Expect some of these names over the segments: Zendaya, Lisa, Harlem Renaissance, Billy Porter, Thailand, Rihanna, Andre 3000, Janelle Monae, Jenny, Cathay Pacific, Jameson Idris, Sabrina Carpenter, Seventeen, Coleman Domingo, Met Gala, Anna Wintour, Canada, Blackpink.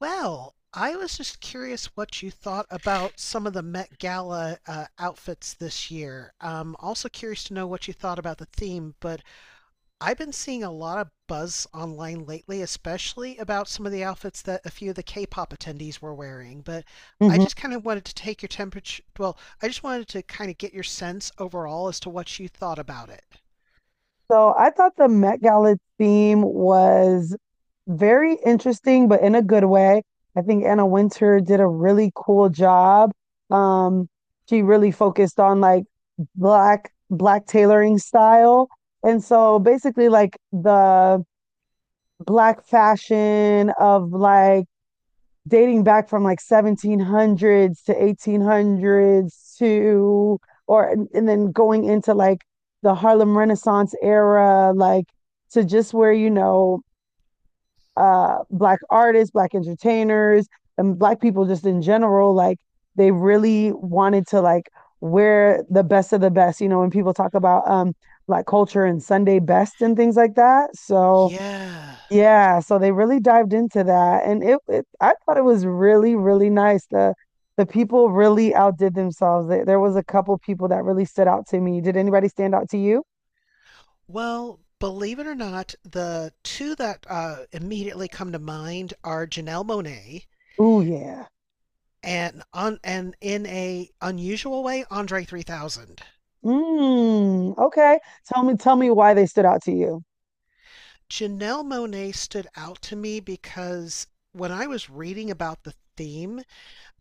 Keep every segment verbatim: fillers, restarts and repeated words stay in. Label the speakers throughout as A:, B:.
A: Well, I was just curious what you thought about some of the Met Gala uh, outfits this year. Um, also curious to know what you thought about the theme, but I've been seeing a lot of buzz online lately, especially about some of the outfits that a few of the K-pop attendees were wearing. But I
B: Mhm.
A: just kind of wanted to take your temperature. Well, I just wanted to kind of get your sense overall as to what you thought about it.
B: So I thought the Met Gala theme was very interesting, but in a good way. I think Anna Winter did a really cool job. Um, she really focused on, like, black black tailoring style. And so basically, like, the black fashion of, like, dating back from like seventeen hundreds to eighteen hundreds to or and, then going into like the Harlem Renaissance era, like, to just where you know uh black artists, black entertainers and black people just in general, like, they really wanted to, like, wear the best of the best, you know, when people talk about um black culture and Sunday best and things like that. So
A: Yeah.
B: yeah, so they really dived into that, and it, it I thought it was really, really nice. The the people really outdid themselves. There, there was a couple people that really stood out to me. Did anybody stand out to you?
A: Well, believe it or not, the two that uh, immediately come to mind are Janelle Monae
B: Oh yeah.
A: and on and in a unusual way, Andre three thousand.
B: Mm, okay. Tell me tell me why they stood out to you.
A: Janelle Monae stood out to me because when I was reading about the theme,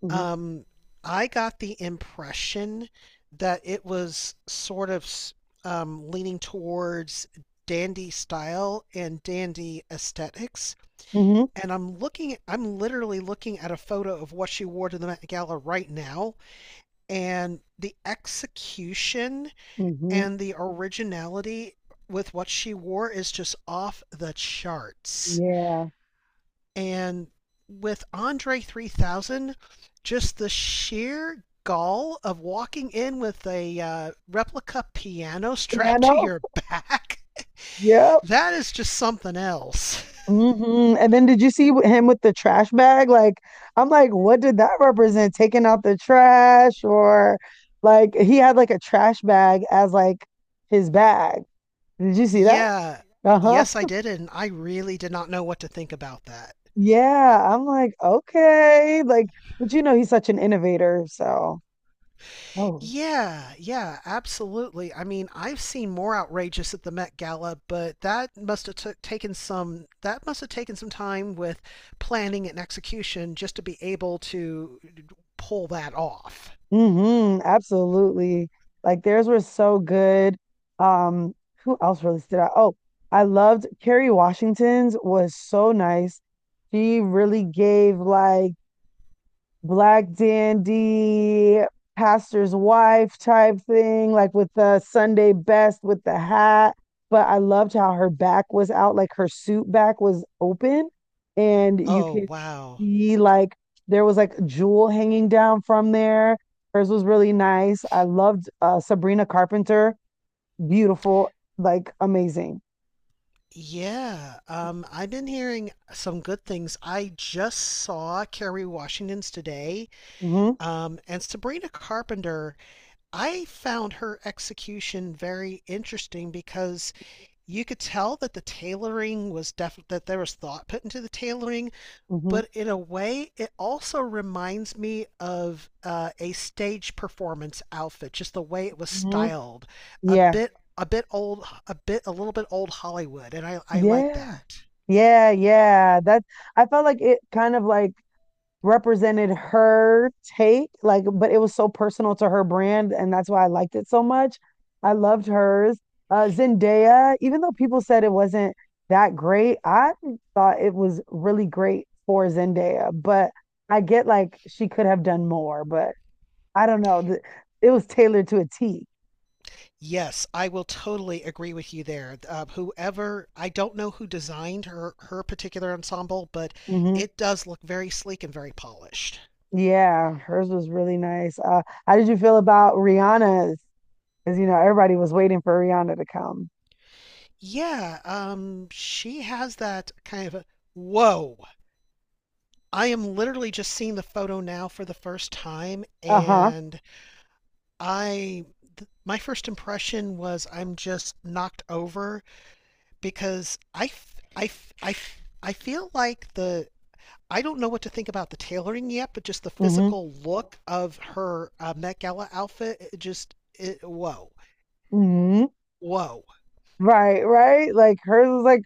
B: Hmm
A: um, I got the impression that it was sort of um, leaning towards dandy style and dandy aesthetics,
B: hmm
A: and I'm looking I'm literally looking at a photo of what she wore to the Met Gala right now, and the execution
B: hmm
A: and the originality with what she wore is just off the charts.
B: Yeah.
A: And with Andre three thousand, just the sheer gall of walking in with a uh, replica piano
B: Yeah, I
A: strapped to
B: know.
A: your back,
B: Yeah.
A: that is just something else.
B: hmm And then did you see wh- him with the trash bag? Like, I'm like, what did that represent? Taking out the trash, or like he had like a trash bag as like his bag. Did you see that?
A: Yeah.
B: Uh-huh.
A: Yes, I did, and I really did not know what to think about that.
B: Yeah. I'm like, okay. Like, but you know, he's such an innovator. So, oh.
A: Yeah, yeah, absolutely. I mean, I've seen more outrageous at the Met Gala, but that must have took, taken some that must have taken some time with planning and execution just to be able to pull that off.
B: hmm absolutely. Like theirs were so good. Um, who else really stood out? Oh, I loved Kerry Washington's, was so nice. She really gave, like, black dandy, pastor's wife type thing, like with the Sunday best with the hat. But I loved how her back was out, like her suit back was open, and you
A: Oh,
B: could
A: wow.
B: see like there was like jewel hanging down from there. Hers was really nice. I loved uh, Sabrina Carpenter, beautiful, like amazing.
A: Yeah, um, I've been hearing some good things. I just saw Kerry Washington's today,
B: Hmm
A: um, and Sabrina Carpenter, I found her execution very interesting because you could tell that the tailoring was def that there was thought put into the tailoring,
B: hmm
A: but in a way, it also reminds me of uh, a stage performance outfit, just the way it was
B: hmm
A: styled, a
B: Yeah,
A: bit a bit old, a bit a little bit old Hollywood, and I I like
B: yeah,
A: that.
B: yeah, yeah. That I felt like it kind of like represented her take, like, but it was so personal to her brand and that's why I liked it so much. I loved hers. Uh Zendaya, even though people said it wasn't that great, I thought it was really great for Zendaya, but I get like she could have done more, but I don't know. The- It was tailored to a
A: Yes, I will totally agree with you there. Uh, whoever, I don't know who designed her her particular ensemble, but
B: Mm-hmm.
A: it does look very sleek and very polished.
B: Yeah, hers was really nice. Uh, how did you feel about Rihanna's? Because you know everybody was waiting for Rihanna to come.
A: Yeah, um, she has that kind of a, whoa. I am literally just seeing the photo now for the first time,
B: Uh-huh.
A: and I th- my first impression was I'm just knocked over because I f- I f- I f- I feel like the I don't know what to think about the tailoring yet, but just the
B: Mm-hmm.
A: physical look of her uh, Met Gala outfit, it just it, whoa, whoa.
B: Right, right. Like hers was like,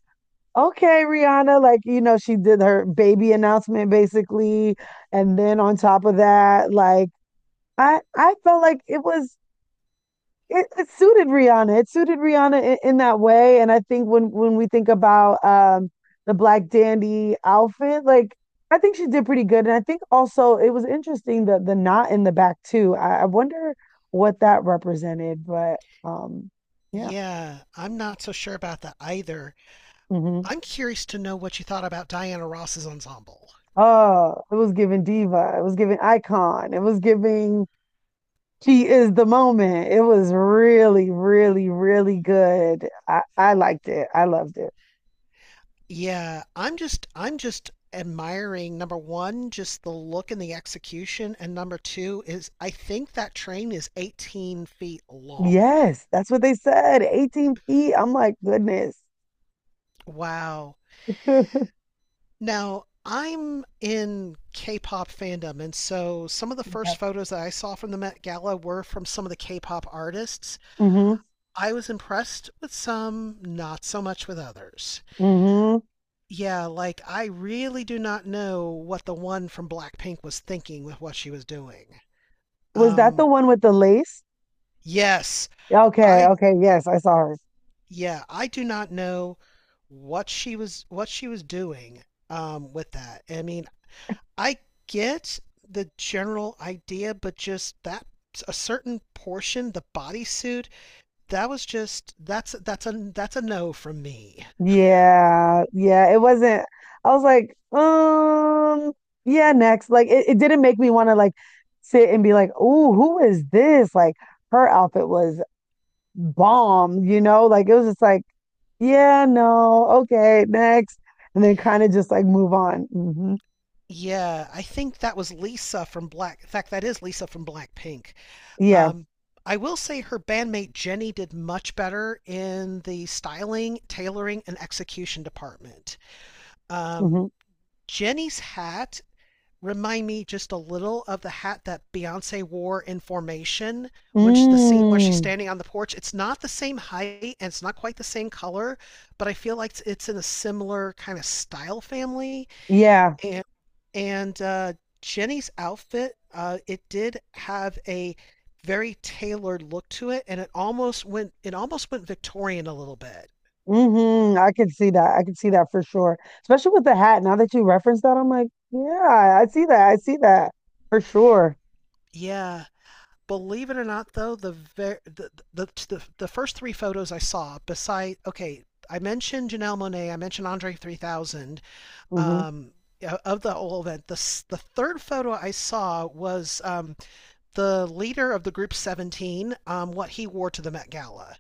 B: okay, Rihanna, like, you know, she did her baby announcement basically. And then on top of that, like I I felt like it was it, it suited Rihanna. It suited Rihanna in, in that way. And I think when when we think about um the Black Dandy outfit, like I think she did pretty good. And I think also it was interesting the the knot in the back too. I, I wonder what that represented, but um yeah.
A: Yeah, I'm not so sure about that either.
B: hmm
A: I'm curious to know what you thought about Diana Ross's ensemble.
B: Oh, it was giving diva. It was giving icon. It was giving she is the moment. It was really, really, really good. I, I liked it. I loved it.
A: Yeah, I'm just I'm just admiring number one, just the look and the execution, and number two is I think that train is eighteen feet long.
B: Yes, that's what they said. eighteen feet. I'm like, goodness.
A: Wow. Now, I'm in K-pop fandom, and so some of the
B: Okay.
A: first photos that I saw from the Met Gala were from some of the K-pop artists.
B: Mm-hmm.
A: I was impressed with some, not so much with others.
B: Mm-hmm.
A: Yeah, like I really do not know what the one from Blackpink was thinking with what she was doing.
B: Was that the
A: Um,
B: one with the lace?
A: yes,
B: Okay,
A: I
B: okay, yes, I saw her.
A: Yeah, I do not know what she was what she was doing um with that. I mean, I get the general idea, but just that a certain portion, the bodysuit, that was just that's that's a that's a no from me.
B: Yeah, yeah, it wasn't. I was like, um, yeah, next. Like, it, it didn't make me want to like sit and be like, oh, who is this? Like, her outfit was bomb, you know? Like, it was just like, yeah, no, okay, next. And then kind of just like move on. Hmm
A: Yeah, I think that was Lisa from Black. In fact, that is Lisa from Blackpink.
B: Yeah.
A: Um, I will say her bandmate Jenny did much better in the styling, tailoring, and execution department. Um,
B: hmm
A: Jenny's hat remind me just a little of the hat that Beyonce wore in Formation when she, the scene where she's
B: Mm,
A: standing on the porch. It's not the same height and it's not quite the same color, but I feel like it's, it's in a similar kind of style family.
B: yeah.
A: And and uh, Jenny's outfit, uh, it did have a very tailored look to it, and it almost went it almost went Victorian a little bit.
B: hmm I could see that. I could see that for sure. Especially with the hat. Now that you referenced that, I'm like, yeah, I see that. I see that for sure.
A: Yeah, believe it or not, though, the ver- the, the the the first three photos I saw, beside okay, I mentioned Janelle Monáe, I mentioned Andre three thousand,
B: hmm
A: um, yeah, of the whole event. The s- the third photo I saw was um, the leader of the group seventeen, um, what he wore to the Met Gala.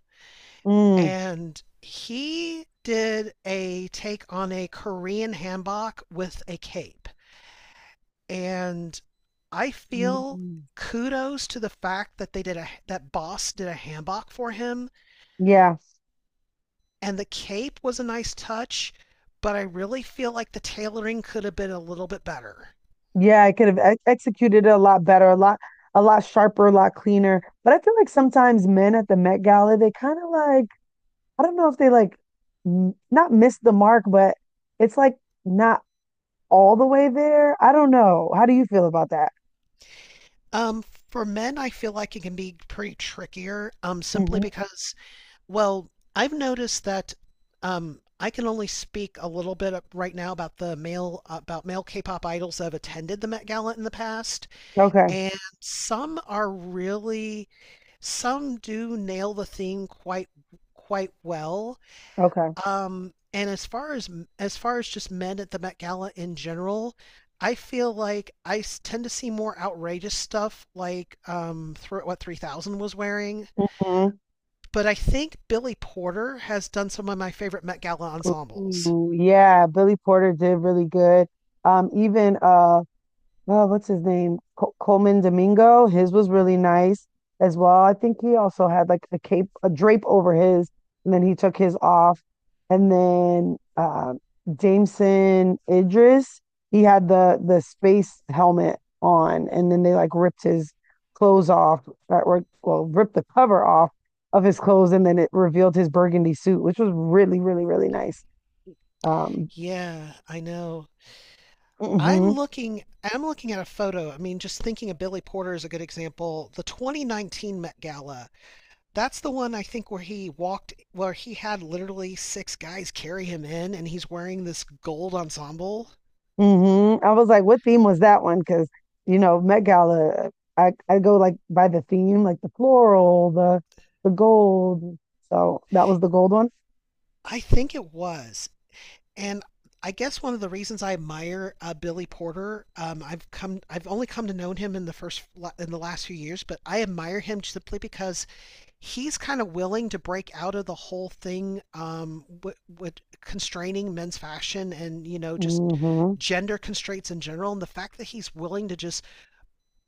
B: Mm.
A: And he did a take on a Korean hanbok with a cape. And I feel
B: Mm.
A: kudos to the fact that they did a that boss did a hanbok for him,
B: Yeah.
A: and the cape was a nice touch, but I really feel like the tailoring could have been a little bit better.
B: Yeah, I could have ex executed it a lot better, a lot a lot sharper, a lot cleaner. But I feel like sometimes men at the Met Gala, they kind of like, I don't know if they like m- not miss the mark, but it's like not all the way there. I don't know. How do you feel about that?
A: Um, for men, I feel like it can be pretty trickier, um, simply
B: Hmm
A: because, well, I've noticed that um, I can only speak a little bit up- right now about the male about male K-pop idols that have attended the Met Gala in the past,
B: Okay.
A: and some are really some do nail the theme quite quite well.
B: Okay.
A: Um, and as far as as far as just men at the Met Gala in general, I feel like I s- tend to see more outrageous stuff, like um, thro what three thousand was wearing.
B: Mhm.
A: But I think Billy Porter has done some of my favorite Met Gala ensembles.
B: Ooh, yeah, Billy Porter did really good. Um, even uh uh, what's his name? Col Coleman Domingo. His was really nice as well. I think he also had like a cape, a drape over his, and then he took his off. And then um Jameson Idris, he had the the space helmet on, and then they like ripped his clothes off, uh, or well, ripped the cover off of his clothes, and then it revealed his burgundy suit, which was really, really, really nice. Um,
A: Yeah, I know. I'm
B: mhm.
A: looking I'm looking at a photo. I mean, just thinking of Billy Porter is a good example. The twenty nineteen Met Gala, that's the one I think where he walked, where he had literally six guys carry him in, and he's wearing this gold ensemble.
B: hmm I was like, what theme was that one? Because, you know, Met Gala, I, I go like by the theme, like the floral, the the gold. So that was the gold one.
A: I think it was, and I guess one of the reasons I admire uh, Billy Porter, um, I've come, I've only come to know him in the first, in the last few years, but I admire him simply because he's kind of willing to break out of the whole thing um, with, with constraining men's fashion and you know just
B: Hmm
A: gender constraints in general, and the fact that he's willing to just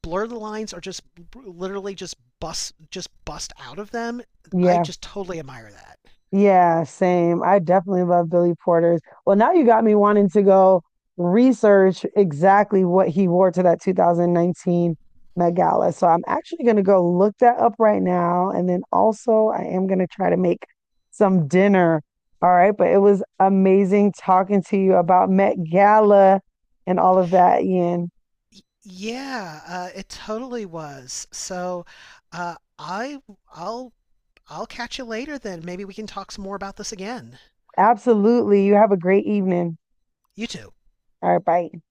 A: blur the lines or just literally just bust just bust out of them. I
B: Yeah.
A: just totally admire that.
B: Yeah, same. I definitely love Billy Porter's. Well, now you got me wanting to go research exactly what he wore to that two thousand nineteen Met Gala. So I'm actually going to go look that up right now. And then also, I am going to try to make some dinner. All right. But it was amazing talking to you about Met Gala and all of that, Ian.
A: Yeah, uh, it totally was. So, uh, i i'll I'll catch you later, then maybe we can talk some more about this again.
B: Absolutely. You have a great evening.
A: You too.
B: All right. Bye.